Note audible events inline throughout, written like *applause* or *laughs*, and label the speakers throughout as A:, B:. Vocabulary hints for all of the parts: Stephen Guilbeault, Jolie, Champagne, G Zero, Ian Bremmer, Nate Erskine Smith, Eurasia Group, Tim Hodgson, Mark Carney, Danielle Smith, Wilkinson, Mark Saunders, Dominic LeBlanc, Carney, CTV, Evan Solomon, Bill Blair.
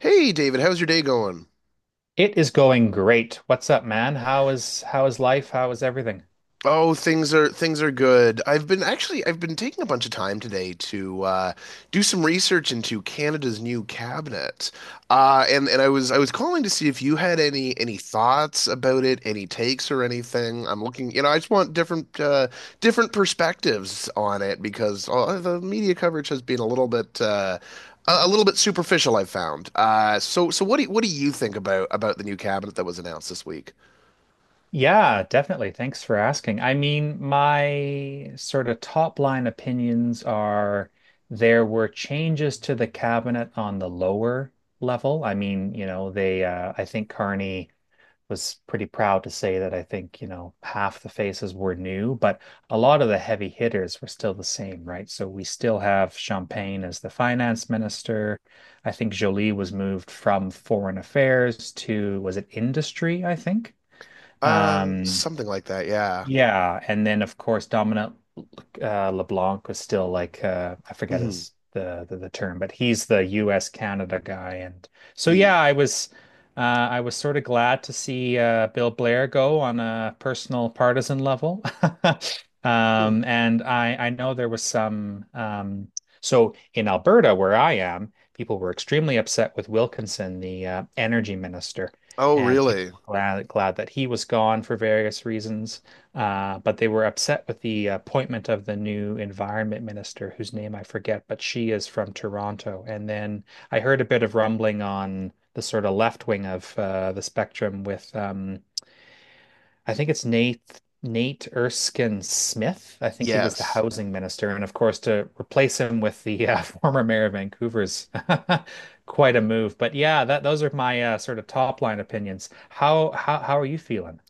A: Hey David, how's your day going?
B: It is going great. What's up, man? How is life? How is everything?
A: Oh, things are good. I've been taking a bunch of time today to do some research into Canada's new cabinet, and I was calling to see if you had any thoughts about it, any takes or anything. I'm looking, you know, I just want different different perspectives on it because the media coverage has been a little bit a little bit superficial, I've found. So what do you think about the new cabinet that was announced this week?
B: Yeah, definitely. Thanks for asking. I mean, my sort of top line opinions are there were changes to the cabinet on the lower level. I mean, you know, they I think Carney was pretty proud to say that, I think, you know, half the faces were new, but a lot of the heavy hitters were still the same, right? So we still have Champagne as the finance minister. I think Jolie was moved from foreign affairs to, was it industry, I think? Um,
A: Something like that, yeah.
B: yeah, and then of course Dominic LeBlanc was still like I forget
A: Hmm.
B: his the term, but he's the U.S. Canada guy, and so yeah,
A: Ye.
B: I was uh, I was sort of glad to see Bill Blair go on a personal partisan level. *laughs*
A: Hmm.
B: And I know there was some so in Alberta where I am, people were extremely upset with Wilkinson, the energy minister,
A: Oh,
B: and people
A: really?
B: were glad that he was gone for various reasons. But they were upset with the appointment of the new environment minister, whose name I forget, but she is from Toronto. And then I heard a bit of rumbling on the sort of left wing of the spectrum with, I think it's Nate Erskine Smith. I think he was the
A: Yes.
B: housing minister, and of course to replace him with the *laughs* former mayor of Vancouver's *laughs* quite a move. But yeah, that those are my sort of top line opinions. How are you feeling?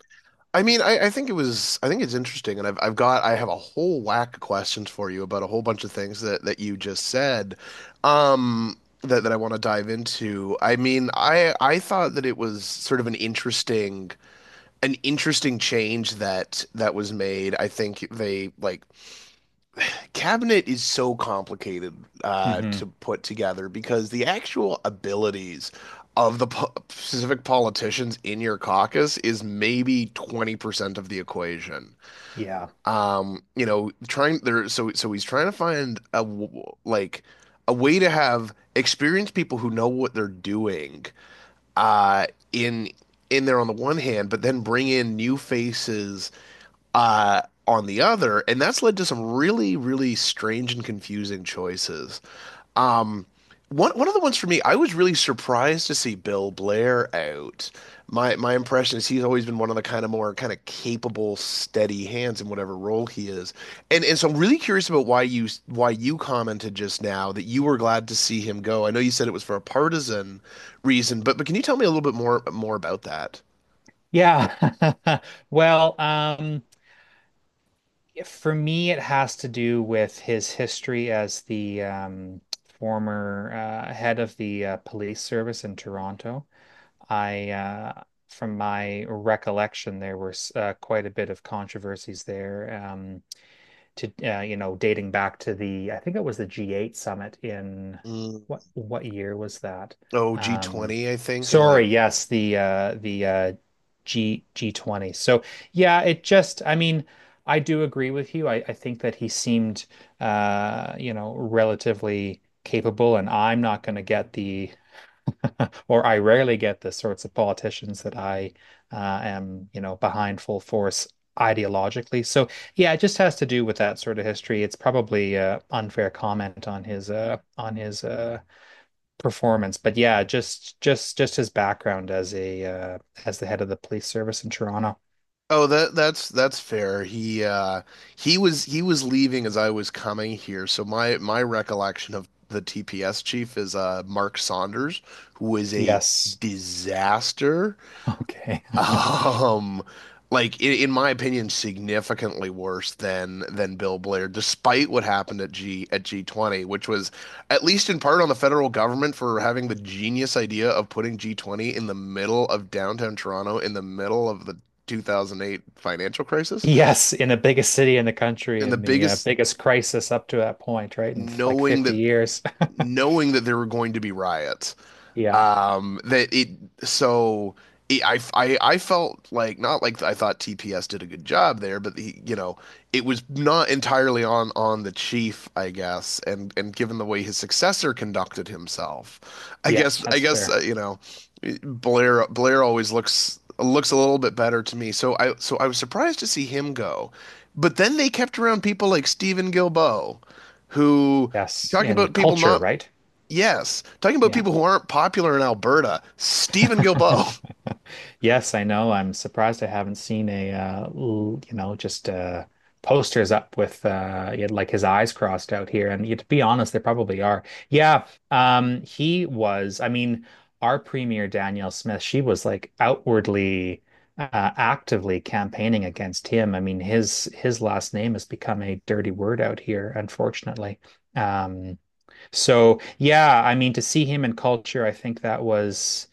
A: I mean, I think it was I think it's interesting, and I have a whole whack of questions for you about a whole bunch of things that you just said, that I want to dive into. I mean, I thought that it was sort of an interesting change that was made. I think they, like, cabinet is so complicated
B: Hmm
A: to put together because the actual abilities of the specific politicians in your caucus is maybe 20% of the equation.
B: Yeah.
A: You know, trying there so he's trying to find a like a way to have experienced people who know what they're doing uh in in there on the one hand, but then bring in new faces uh, on the other, and that's led to some really, really strange and confusing choices. Um, one of the ones for me, I was really surprised to see Bill Blair out. My impression is he's always been one of the kind of more kind of capable, steady hands in whatever role he is. And so I'm really curious about why you commented just now that you were glad to see him go. I know you said it was for a partisan reason, but can you tell me a little bit more about that?
B: Yeah. *laughs* Well, um, yeah, for me, it has to do with his history as the former head of the police service in Toronto. I, uh, from my recollection, there was quite a bit of controversies there. To You know, dating back to the I think it was the G8 summit in
A: Mm.
B: what year was that?
A: Oh,
B: Um,
A: G20, I think, and like.
B: Sorry, yes, the G G20. So yeah, it just, I mean, I do agree with you. I think that he seemed you know, relatively capable, and I'm not going to get the *laughs* or I rarely get the sorts of politicians that I am, you know, behind full force ideologically. So yeah, it just has to do with that sort of history. It's probably a unfair comment on his performance, but yeah, just his background as a as the head of the police service in Toronto.
A: Oh, that's fair. He was leaving as I was coming here. So my recollection of the TPS chief is Mark Saunders, who was a
B: Yes. *laughs*
A: disaster. *laughs*
B: Okay.
A: Um, like in my opinion, significantly worse than Bill Blair, despite what happened at G at G20, which was at least in part on the federal government for having the genius idea of putting G20 in the middle of downtown Toronto, in the middle of the 2008 financial crisis,
B: Yes, in the biggest city in the country,
A: and the
B: in the
A: biggest
B: biggest crisis up to that point, right? In like
A: knowing that
B: 50 years. *laughs*
A: knowing that there were going to be riots.
B: Yeah.
A: That it so it, I felt like not like I thought TPS did a good job there, but he, you know, it was not entirely on the chief, I guess, and given the way his successor conducted himself,
B: Yeah,
A: I
B: that's
A: guess
B: fair.
A: you know, Blair always looks a little bit better to me. So I was surprised to see him go, but then they kept around people like Stephen Gilboa, who
B: Yes,
A: talking
B: in
A: about people
B: culture,
A: not.
B: right?
A: Yes. Talking about
B: Yeah.
A: people who aren't popular in Alberta, Stephen
B: *laughs*
A: Guilbeault. *laughs*
B: Yes, I know. I'm surprised I haven't seen a you know, just posters up with he like his eyes crossed out here. And yeah, to be honest, they probably are. Yeah, he was. I mean, our premier Danielle Smith, she was like outwardly, actively campaigning against him. I mean, his last name has become a dirty word out here, unfortunately. Um, So yeah, I mean, to see him in culture, I think that was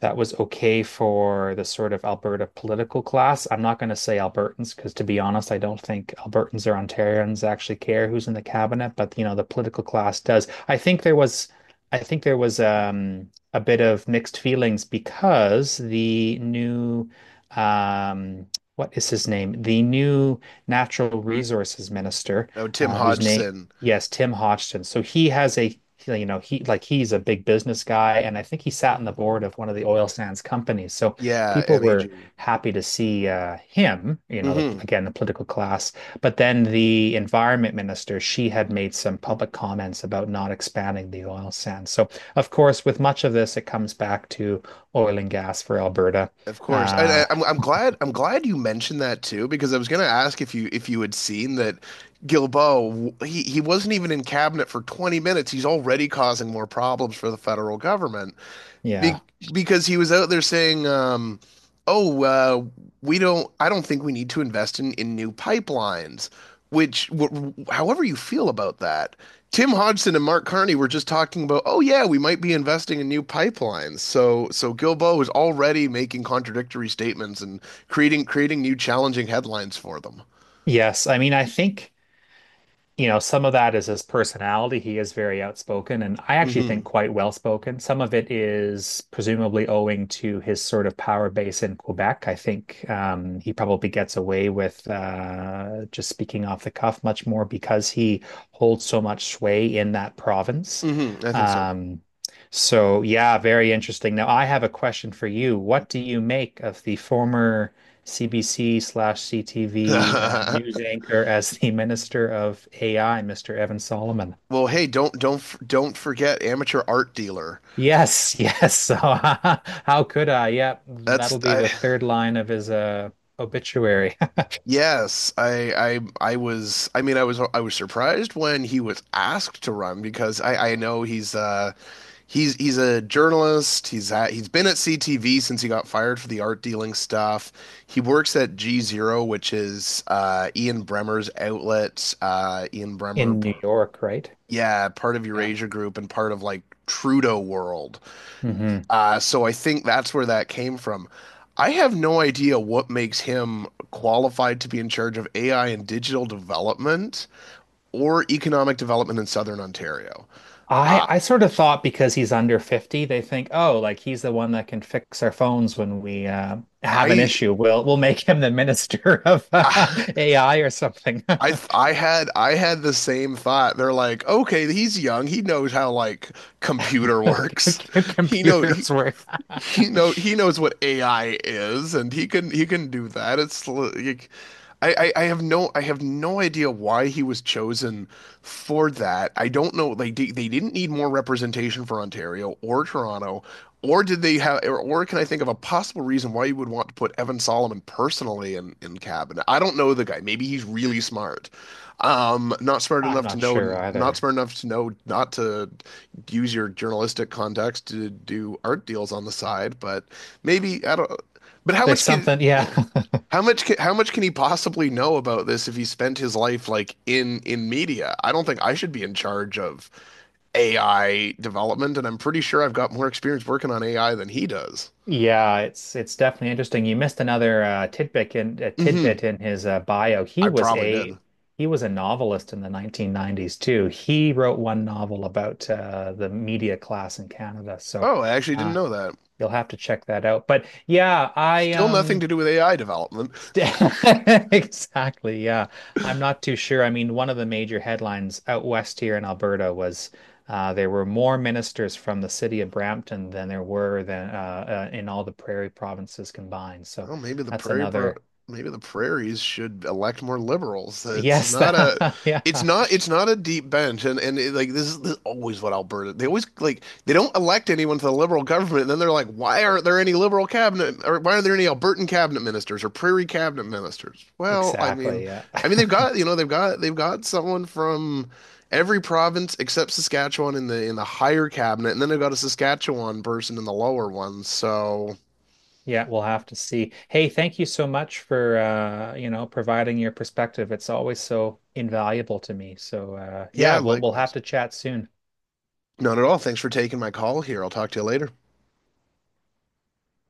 B: that was okay for the sort of Alberta political class. I'm not going to say Albertans because, to be honest, I don't think Albertans or Ontarians actually care who's in the cabinet, but, you know, the political class does. I think there was I think there was a bit of mixed feelings because the new um what is his name? The new natural resources minister,
A: Oh, Tim
B: whose name
A: Hodgson.
B: yes, Tim Hodgson. So he has a, you know, he's a big business guy, and I think he sat on the board of one of the oil sands companies. So
A: Yeah,
B: people were
A: MEG.
B: happy to see him, you know, the,
A: Hmm.
B: again, the political class. But then the environment minister, she had made some public comments about not expanding the oil sands. So, of course, with much of this, it comes back to oil and gas for Alberta.
A: Of course.
B: Uh,
A: I'm glad you mentioned that too because I was going to ask if you had seen that. Guilbeault he wasn't even in cabinet for 20 minutes. He's already causing more problems for the federal government. Be
B: yeah.
A: because he was out there saying, "Oh, we don't. I don't think we need to invest in new pipelines." Which, w however you feel about that, Tim Hodgson and Mark Carney were just talking about, "Oh yeah, we might be investing in new pipelines." Gilbo is already making contradictory statements and creating new challenging headlines for them.
B: Yes. I mean, I think. You know, some of that is his personality. He is very outspoken, and I actually think
A: Hmm.
B: quite well spoken. Some of it is presumably owing to his sort of power base in Quebec. I think he probably gets away with just speaking off the cuff much more because he holds so much sway in that province.
A: Hmm. I think so.
B: Um, so, yeah, very interesting. Now, I have a question for you. What do you make of the former CBC slash CTV news
A: *laughs*
B: anchor as the *laughs* Minister of AI, Mr. Evan Solomon?
A: Well, hey, don't forget amateur art dealer.
B: Yes, yes. So *laughs* how could I? Yeah,
A: That's
B: that'll be
A: I.
B: the third line of his obituary
A: Yes, I, I was. I mean, I was. I was surprised when he was asked to run because I know he's, he's a journalist. He's been at CTV since he got fired for the art dealing stuff. He works at G Zero, which is Ian Bremmer's outlet.
B: *laughs* in New York, right?
A: Yeah, part of
B: Yeah.
A: Eurasia Group and part of like Trudeau World.
B: hmm
A: So I think that's where that came from. I have no idea what makes him qualified to be in charge of AI and digital development or economic development in Southern Ontario. Uh,
B: I sort of thought, because he's under 50, they think, oh, like he's the one that can fix our phones when we have an
A: I,
B: issue. We'll make him the *laughs* minister
A: *laughs*
B: of
A: I,
B: AI or something.
A: I had the same thought. They're like, okay, he's young. He knows how, like, computer *laughs* works.
B: *laughs*
A: He know
B: Computers work.
A: *laughs*
B: *laughs*
A: he knows what AI is, and he can do that. It's like, I have no idea why he was chosen for that. I don't know. Like they didn't need more representation for Ontario or Toronto, or did they have? Or can I think of a possible reason why you would want to put Evan Solomon personally in cabinet? I don't know the guy. Maybe he's really smart. Not smart
B: I'm
A: enough to
B: not
A: know.
B: sure
A: Not
B: either.
A: smart enough to know not to use your journalistic contacts to do art deals on the side, but maybe I don't. But how
B: There's
A: much can
B: something, yeah,
A: yeah, how much can he possibly know about this if he spent his life like in media? I don't think I should be in charge of AI development, and I'm pretty sure I've got more experience working on AI than he does.
B: *laughs* yeah. It's definitely interesting. You missed another
A: Mm-hmm.
B: tidbit in his bio.
A: I probably did.
B: He was a novelist in the 1990s too. He wrote one novel about the media class in Canada. So
A: Oh, I actually didn't
B: uh,
A: know that.
B: you'll have to check that out. But yeah, I
A: Still nothing
B: um.
A: to do with AI development.
B: St- *laughs* Exactly. Yeah. I'm not too sure. I mean, one of the major headlines out west here in Alberta was there were more ministers from the city of Brampton than there were than in all the prairie provinces combined. So
A: Well, maybe the
B: that's
A: prairie pro
B: another
A: maybe the prairies should elect more liberals.
B: Yes. *laughs* That, yeah.
A: It's not a deep bench and it, like this is always what Alberta they always like they don't elect anyone to the liberal government and then they're like why aren't there any liberal cabinet or why aren't there any Albertan cabinet ministers or prairie cabinet ministers? Well,
B: Exactly. Yeah.
A: I mean
B: *laughs*
A: they've got someone from every province except Saskatchewan in the higher cabinet and then they've got a Saskatchewan person in the lower one. So,
B: Yeah, we'll have to see. Hey, thank you so much for you know, providing your perspective. It's always so invaluable to me. So
A: yeah,
B: yeah, we'll have
A: likewise.
B: to chat soon.
A: Not at all. Thanks for taking my call here. I'll talk to you later.